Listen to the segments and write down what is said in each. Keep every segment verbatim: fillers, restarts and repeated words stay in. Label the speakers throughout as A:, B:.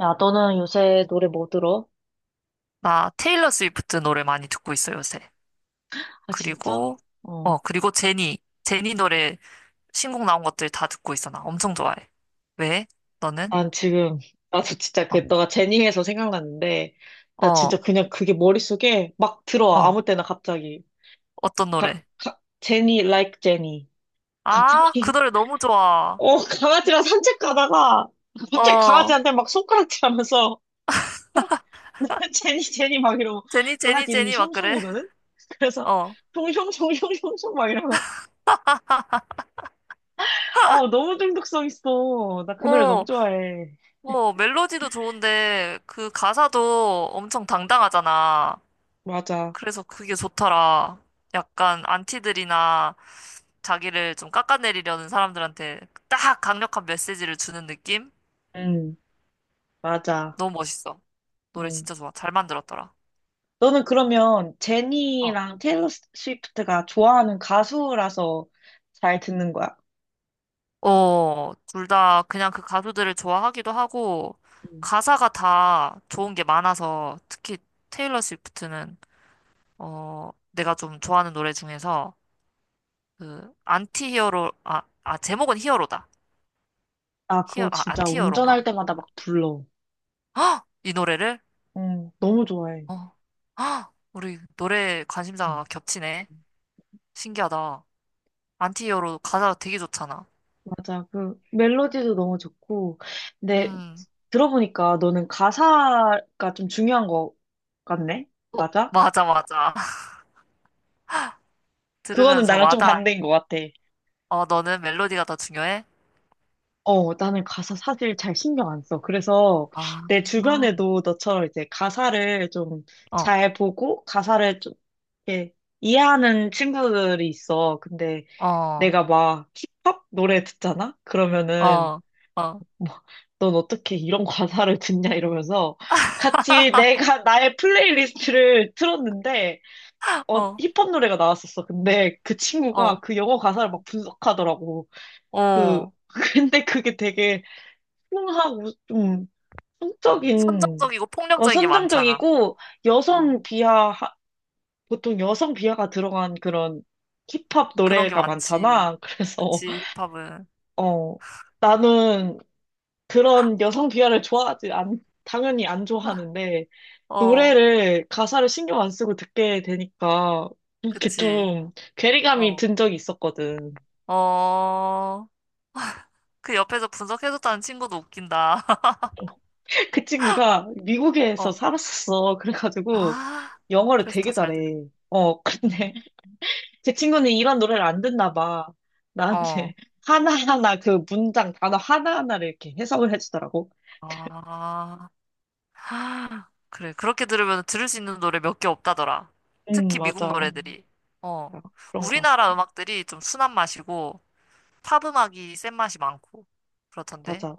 A: 야, 너는 요새 노래 뭐 들어?
B: 나 테일러 스위프트 노래 많이 듣고 있어, 요새.
A: 아, 진짜?
B: 그리고, 어,
A: 어.
B: 그리고 제니. 제니 노래 신곡 나온 것들 다 듣고 있어, 나. 엄청 좋아해. 왜? 너는?
A: 난 지금, 나도 진짜
B: 어,
A: 그, 너가 제니에서 생각났는데, 나 진짜
B: 어,
A: 그냥 그게 머릿속에 막 들어와.
B: 어.
A: 아무 때나 갑자기.
B: 어떤
A: 가,
B: 노래?
A: 가, 제니, like 제니.
B: 아, 그
A: 갑자기,
B: 노래 너무 좋아.
A: 어, 강아지랑 산책 가다가, 갑자기
B: 어,
A: 강아지한테 막 손가락질 하면서, 제니, 제니 막 이러고,
B: 제니, 제니,
A: 강아지 이름이
B: 제니, 막 그래?
A: 숑숑이거든? 그래서,
B: 어.
A: 숑숑숑숑숑숑 막 이러고. 아, 너무 중독성 있어. 나 그 노래 너무
B: 어,
A: 좋아해.
B: 뭐, 멜로디도 좋은데, 그 가사도 엄청 당당하잖아.
A: 맞아.
B: 그래서 그게 좋더라. 약간, 안티들이나, 자기를 좀 깎아내리려는 사람들한테 딱 강력한 메시지를 주는 느낌?
A: 응, 맞아.
B: 너무 멋있어. 노래
A: 응.
B: 진짜 좋아. 잘 만들었더라.
A: 너는 그러면
B: 어,
A: 제니랑 테일러 스위프트가 좋아하는 가수라서 잘 듣는 거야?
B: 어, 둘 다 그냥 그 가수들을 좋아하기도 하고,
A: 응.
B: 가사가 다 좋은 게 많아서, 특히 테일러 스위프트는, 어, 내가 좀 좋아하는 노래 중에서, 그, 안티 히어로, 아, 아, 제목은 히어로다.
A: 아,
B: 히어,
A: 그거
B: 아,
A: 진짜
B: 안티 히어로인가?
A: 운전할 때마다 막 불러.
B: 헉! 이 노래를?
A: 응, 너무 좋아해.
B: 어, 헉! 우리 노래
A: 응.
B: 관심사가 겹치네. 신기하다. 안티히어로 가사가 되게 좋잖아.
A: 맞아. 그 멜로디도 너무 좋고. 근데
B: 음,
A: 들어보니까 너는 가사가 좀 중요한 거 같네?
B: 어,
A: 맞아?
B: 맞아, 맞아.
A: 그거는
B: 들으면서
A: 나랑 좀
B: 마다,
A: 반대인 것 같아.
B: 어, 너는 멜로디가 더 중요해?
A: 어, 나는 가사 사실 잘 신경 안 써. 그래서
B: 아,
A: 내 주변에도 너처럼 이제 가사를 좀
B: 어,
A: 잘 보고 가사를 좀 이렇게 이해하는 친구들이 있어. 근데
B: 어, 어,
A: 내가 막 힙합 노래 듣잖아? 그러면은
B: 어,
A: 뭐, 넌 어떻게 이런 가사를 듣냐 이러면서 같이 내가 나의 플레이리스트를 틀었는데 어,
B: 어,
A: 힙합 노래가 나왔었어. 근데 그 친구가
B: 어,
A: 그 영어 가사를 막 분석하더라고. 그
B: 어.
A: 근데 그게 되게 풍하고 좀 성적인
B: 선정적이고
A: 어,
B: 폭력적인 게 많잖아.
A: 선정적이고
B: 어,
A: 여성 비하 하- 보통 여성 비하가 들어간 그런 힙합
B: 그런 게
A: 노래가
B: 많지.
A: 많잖아. 그래서
B: 그치, 힙합은.
A: 어. 나는 그런 여성 비하를 좋아하지 않 당연히 안 좋아하는데
B: 어,
A: 노래를 가사를 신경 안 쓰고 듣게 되니까 이렇게
B: 그치.
A: 좀 괴리감이
B: 어,
A: 든 적이 있었거든.
B: 어. 그 옆에서 분석해줬다는 친구도 웃긴다.
A: 그 친구가 미국에서
B: 어,
A: 살았었어. 그래가지고
B: 아.
A: 영어를
B: 그래서 더
A: 되게
B: 잘 듣는. 거.
A: 잘해. 어,
B: 음,
A: 근데 제 친구는 이런 노래를 안 듣나 봐.
B: 어,
A: 나한테 하나하나 그 문장 단어 하나하나를 이렇게 해석을 해주더라고.
B: 아. 아, 그래. 그렇게 들으면 들을 수 있는 노래 몇 개 없다더라.
A: 응,
B: 특히 미국
A: 맞아.
B: 노래들이. 어.
A: 아, 그런 것
B: 우리나라
A: 같아.
B: 음악들이 좀 순한 맛이고, 팝 음악이 센 맛이 많고, 그렇던데.
A: 맞아.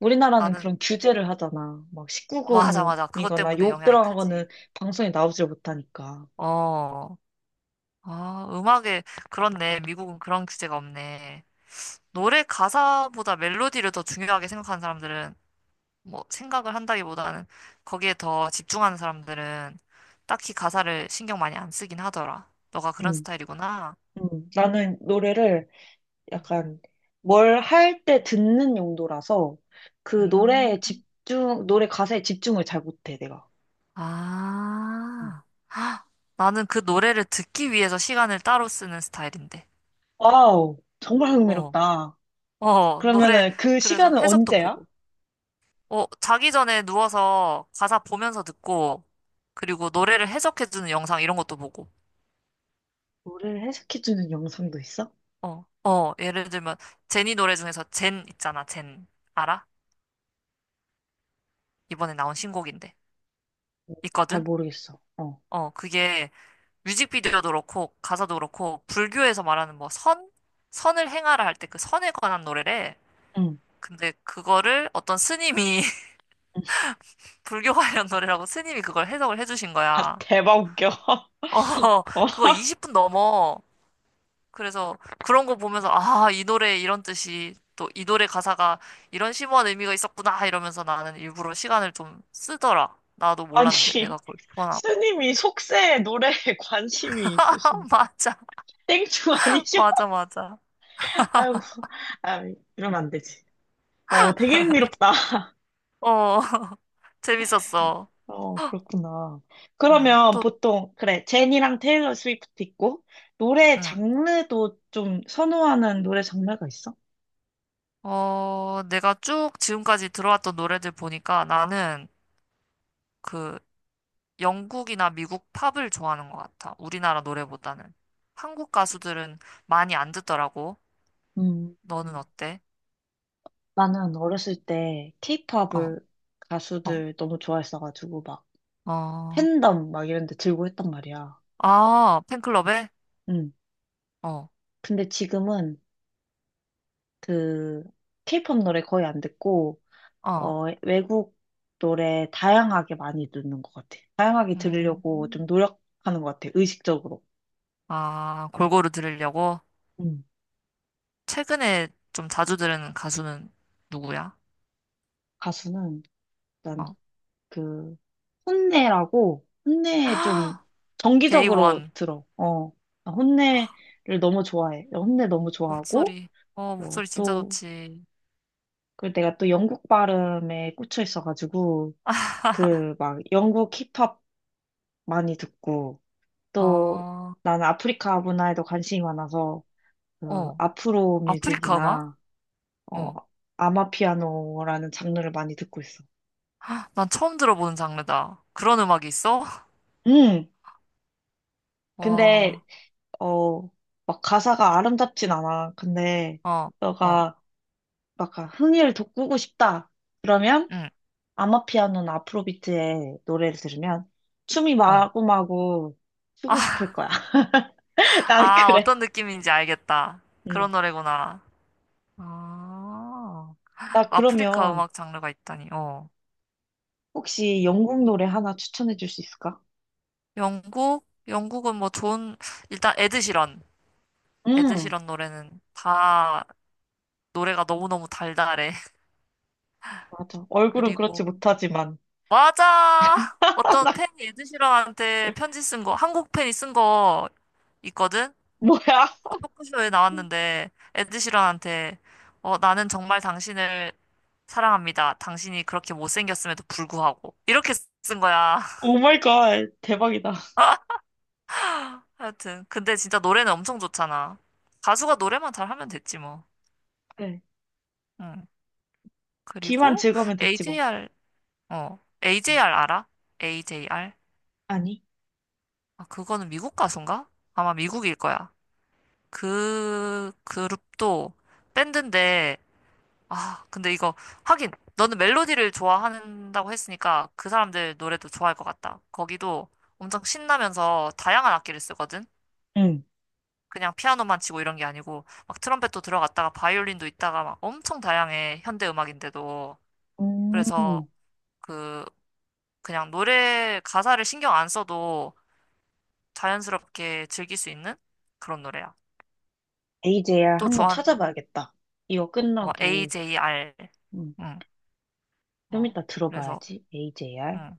A: 우리나라는
B: 나는,
A: 그런 규제를 하잖아. 막
B: 맞아, 맞아. 그것
A: 십구금이거나
B: 때문에
A: 욕
B: 영향이
A: 들어간 거는
B: 크지.
A: 방송에 나오질 못하니까.
B: 어. 아, 음악에, 그렇네. 미국은 그런 규제가 없네. 노래 가사보다 멜로디를 더 중요하게 생각하는 사람들은 뭐 생각을 한다기보다는 거기에 더 집중하는 사람들은 딱히 가사를 신경 많이 안 쓰긴 하더라. 너가 그런
A: 응,
B: 스타일이구나.
A: 응. 나는 노래를
B: 음.
A: 약간 뭘 할 때 듣는 용도라서 그
B: 음.
A: 노래에 집중, 노래 가사에 집중을 잘 못해, 내가. 응.
B: 아. 헉, 나는 그 노래를 듣기 위해서 시간을 따로 쓰는 스타일인데.
A: 와우, 정말
B: 어.
A: 흥미롭다.
B: 어, 노래
A: 그러면은 그
B: 그래서
A: 시간은
B: 해석도
A: 언제야?
B: 보고. 어, 자기 전에 누워서 가사 보면서 듣고 그리고 노래를 해석해주는 영상 이런 것도 보고.
A: 노래를 해석해주는 영상도 있어?
B: 어. 어, 예를 들면 제니 노래 중에서 젠 있잖아. 젠. 알아? 이번에 나온 신곡인데.
A: 어, 잘
B: 있거든?
A: 모르겠어. 어.
B: 어, 그게 뮤직비디오도 그렇고, 가사도 그렇고, 불교에서 말하는 뭐 선? 선을 행하라 할 때 그 선에 관한 노래래.
A: 응.
B: 근데 그거를 어떤 스님이, 불교 관련 노래라고 스님이 그걸 해석을 해주신
A: 아,
B: 거야.
A: 대박 웃겨.
B: 어,
A: 어,
B: 그거 이십 분 넘어. 그래서 그런 거 보면서, 아, 이 노래에 이런 뜻이, 또 이 노래 가사가 이런 심오한 의미가 있었구나, 이러면서 나는 일부러 시간을 좀 쓰더라. 나도
A: 아니,
B: 몰랐는데, 내가 그걸 좋아하나 봐.
A: 스님이 속세에 노래에 관심이 있으신
B: 맞아,
A: 땡충 아니죠?
B: 맞아, 맞아.
A: 아이고, 아, 이러면 안 되지. 어, 되게 흥미롭다.
B: 어, 재밌었어.
A: 어, 그렇구나.
B: 응,
A: 그러면
B: 또,
A: 보통, 그래, 제니랑 테일러 스위프트 있고, 노래
B: 응.
A: 장르도 좀 선호하는 노래 장르가 있어?
B: 어, 내가 쭉 지금까지 들어왔던 노래들 보니까 나는 그 영국이나 미국 팝을 좋아하는 것 같아. 우리나라 노래보다는. 한국 가수들은 많이 안 듣더라고.
A: 음.
B: 너는 어때?
A: 나는 어렸을 때
B: 어,
A: 케이팝을
B: 어,
A: 가수들 너무 좋아했어가지고 막
B: 어.
A: 팬덤 막 이런 데 들고 했단 말이야.
B: 아, 팬클럽에?
A: 응.
B: 어,
A: 근데 지금은 그 케이팝 노래 거의 안 듣고
B: 어.
A: 어 외국 노래 다양하게 많이 듣는 것 같아. 다양하게 들으려고
B: 음.
A: 좀 노력하는 것 같아. 의식적으로.
B: 아, 골고루 들으려고?
A: 응.
B: 최근에 좀 자주 들은 가수는 누구야?
A: 가수는 일단
B: 어,
A: 그 혼내라고 혼내 좀 정기적으로
B: 데이원.
A: 들어. 어. 나 혼내를 너무 좋아해. 혼내 너무 좋아하고
B: 목소리. 어,
A: 어,
B: 목소리 진짜
A: 또,
B: 좋지.
A: 그 내가 또 영국 발음에 꽂혀 있어가지고, 그 막 영국 힙합 많이 듣고, 또
B: 어,
A: 나는 아프리카 문화에도 관심이 많아서, 그
B: 어.
A: 아프로
B: 아프리카 음악?
A: 뮤직이나, 어,
B: 어.
A: 아마피아노라는 장르를 많이 듣고 있어.
B: 난 처음 들어보는 장르다. 그런 음악이 있어?
A: 음, 근데,
B: 와,
A: 어, 막 가사가 아름답진 않아. 근데,
B: 어, 어,
A: 너가 막 아 흥을 돋구고 싶다. 그러면,
B: 응,
A: 아마피아노나 아프로비트의 노래를 들으면 춤이
B: 어.
A: 마구마구 추고
B: 아,
A: 싶을 거야. 난
B: 아,
A: 그래.
B: 어떤 느낌인지 알겠다.
A: 음.
B: 그런 노래구나. 아,
A: 나
B: 아프리카
A: 그러면
B: 음악 장르가 있다니. 어.
A: 혹시 영국 노래 하나 추천해 줄 수 있을까?
B: 영국? 영국은 뭐 좋은, 일단 에드시런.
A: 음,
B: 에드시런 노래는 다 노래가 너무너무 달달해.
A: 맞아. 얼굴은 그렇지
B: 그리고
A: 못하지만.
B: 맞아.
A: 아
B: 어떤
A: 나
B: 팬이 에드시런한테 편지 쓴 거, 한국 팬이 쓴 거 있거든?
A: 뭐야?
B: 그 토크쇼에 나왔는데, 에드시런한테, 어, 나는 정말 당신을 사랑합니다. 당신이 그렇게 못생겼음에도 불구하고. 이렇게 쓴 거야.
A: 오 마이 갓. 대박이다.
B: 하여튼. 근데 진짜 노래는 엄청 좋잖아. 가수가 노래만 잘하면 됐지, 뭐.
A: 그래.
B: 응.
A: 귀만
B: 그리고,
A: 즐거우면 됐지 뭐.
B: 에이제이알, 어,
A: 음.
B: 에이제이알 알아? 에이제이알?
A: 아니?
B: 아, 그거는 미국 가수인가? 아마 미국일 거야. 그 그룹도 밴드인데 아 근데 이거 하긴 너는 멜로디를 좋아한다고 했으니까 그 사람들 노래도 좋아할 것 같다. 거기도 엄청 신나면서 다양한 악기를 쓰거든.
A: 응.
B: 그냥 피아노만 치고 이런 게 아니고 막 트럼펫도 들어갔다가 바이올린도 있다가 막 엄청 다양해 현대 음악인데도 그래서
A: 음.
B: 그 그냥 노래 가사를 신경 안 써도 자연스럽게 즐길 수 있는 그런 노래야.
A: 에이제이알
B: 또
A: 한번
B: 좋아하는
A: 찾아봐야겠다. 이거
B: 어,
A: 끝나고.
B: 에이제이알
A: 음. 좀
B: 어,
A: 이따
B: 그래서,
A: 들어봐야지. 에이제이알.
B: 응,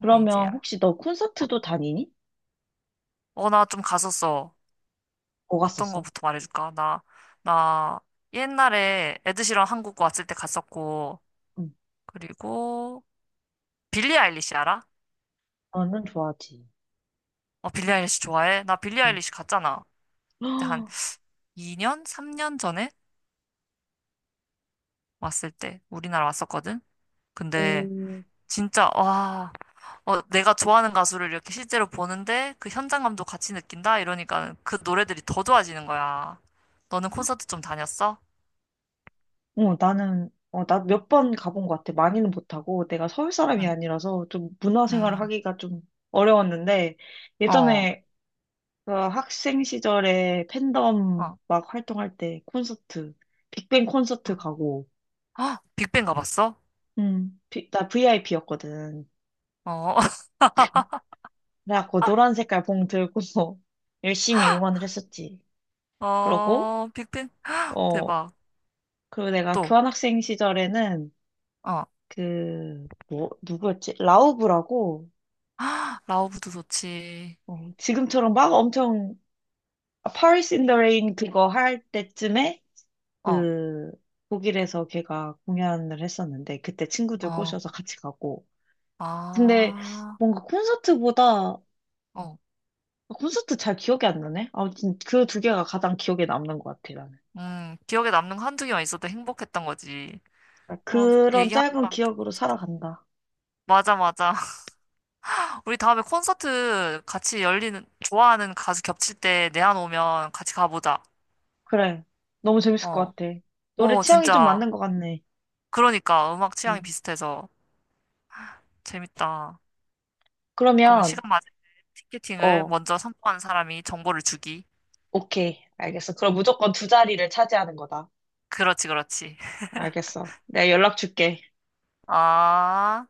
A: 그러면
B: 에이제이알.
A: 혹시 너 콘서트도 다니니?
B: 어, 나 좀 갔었어.
A: 뭐
B: 어떤
A: 갔었어.
B: 거부터 말해줄까? 나, 나 옛날에 에드시런 한국 왔을 때 갔었고,
A: 응.
B: 그리고 빌리 아일리시 알아?
A: 나는 좋아하지.
B: 어, 빌리 아일리시 좋아해? 나 빌리
A: 응.
B: 아일리시 갔잖아. 그때 한 이 년, 삼 년 전에 왔을 때 우리나라 왔었거든? 근데
A: 오,
B: 진짜, 와, 어, 내가 좋아하는 가수를 이렇게 실제로 보는데 그 현장감도 같이 느낀다? 이러니까 그 노래들이 더 좋아지는 거야. 너는 콘서트 좀 다녔어?
A: 어, 나는, 어, 나 몇 번 가본 것 같아. 많이는 못하고, 내가 서울 사람이
B: 응
A: 아니라서 좀 문화생활을
B: 음,
A: 하기가 좀 어려웠는데,
B: 어,
A: 예전에 그 학생 시절에 팬덤
B: 어,
A: 막 활동할 때 콘서트, 빅뱅
B: 어.
A: 콘서트 가고,
B: 아, 빅뱅 가봤어?
A: 음, 비- 나 브이아이피였거든.
B: 어,
A: 그래갖고 노란 색깔 봉 들고 열심히 응원을 했었지. 그러고,
B: 어, 빅뱅
A: 어,
B: 대박.
A: 그리고 내가
B: 또,
A: 교환학생 시절에는
B: 어,
A: 그, 뭐, 누구였지? 라우브라고,
B: 아, 라오브도 좋지.
A: 어, 지금처럼 막 엄청, 아, Paris in the Rain 그거 할 때쯤에
B: 어,
A: 그, 독일에서 걔가 공연을 했었는데, 그때 친구들
B: 어,
A: 꼬셔서 같이 가고. 근데
B: 아,
A: 뭔가 콘서트보다,
B: 어,
A: 콘서트 잘 기억이 안 나네? 아무튼 그 두 개가 가장 기억에 남는 것 같아, 나는.
B: 음, 기억에 남는 거 한두 개만 있어도 행복했던 거지. 어,
A: 그런 짧은
B: 얘기하니까 또
A: 기억으로
B: 콘서트.
A: 살아간다.
B: 맞아, 맞아. 우리 다음에 콘서트 같이 열리는, 좋아하는 가수 겹칠 때 내한 오면 같이 가보자.
A: 그래. 너무 재밌을
B: 어,
A: 것 같아. 노래
B: 어,
A: 취향이 좀
B: 진짜.
A: 맞는 것 같네.
B: 그러니까 음악 취향이
A: 음.
B: 비슷해서 재밌다. 그러면
A: 그러면,
B: 시간 맞을 때 티켓팅을
A: 어,
B: 먼저 성공한 사람이 정보를 주기.
A: 오케이. 알겠어. 그럼 무조건 두 자리를 차지하는 거다.
B: 그렇지, 그렇지.
A: 알겠어. 내가 연락 줄게.
B: 아.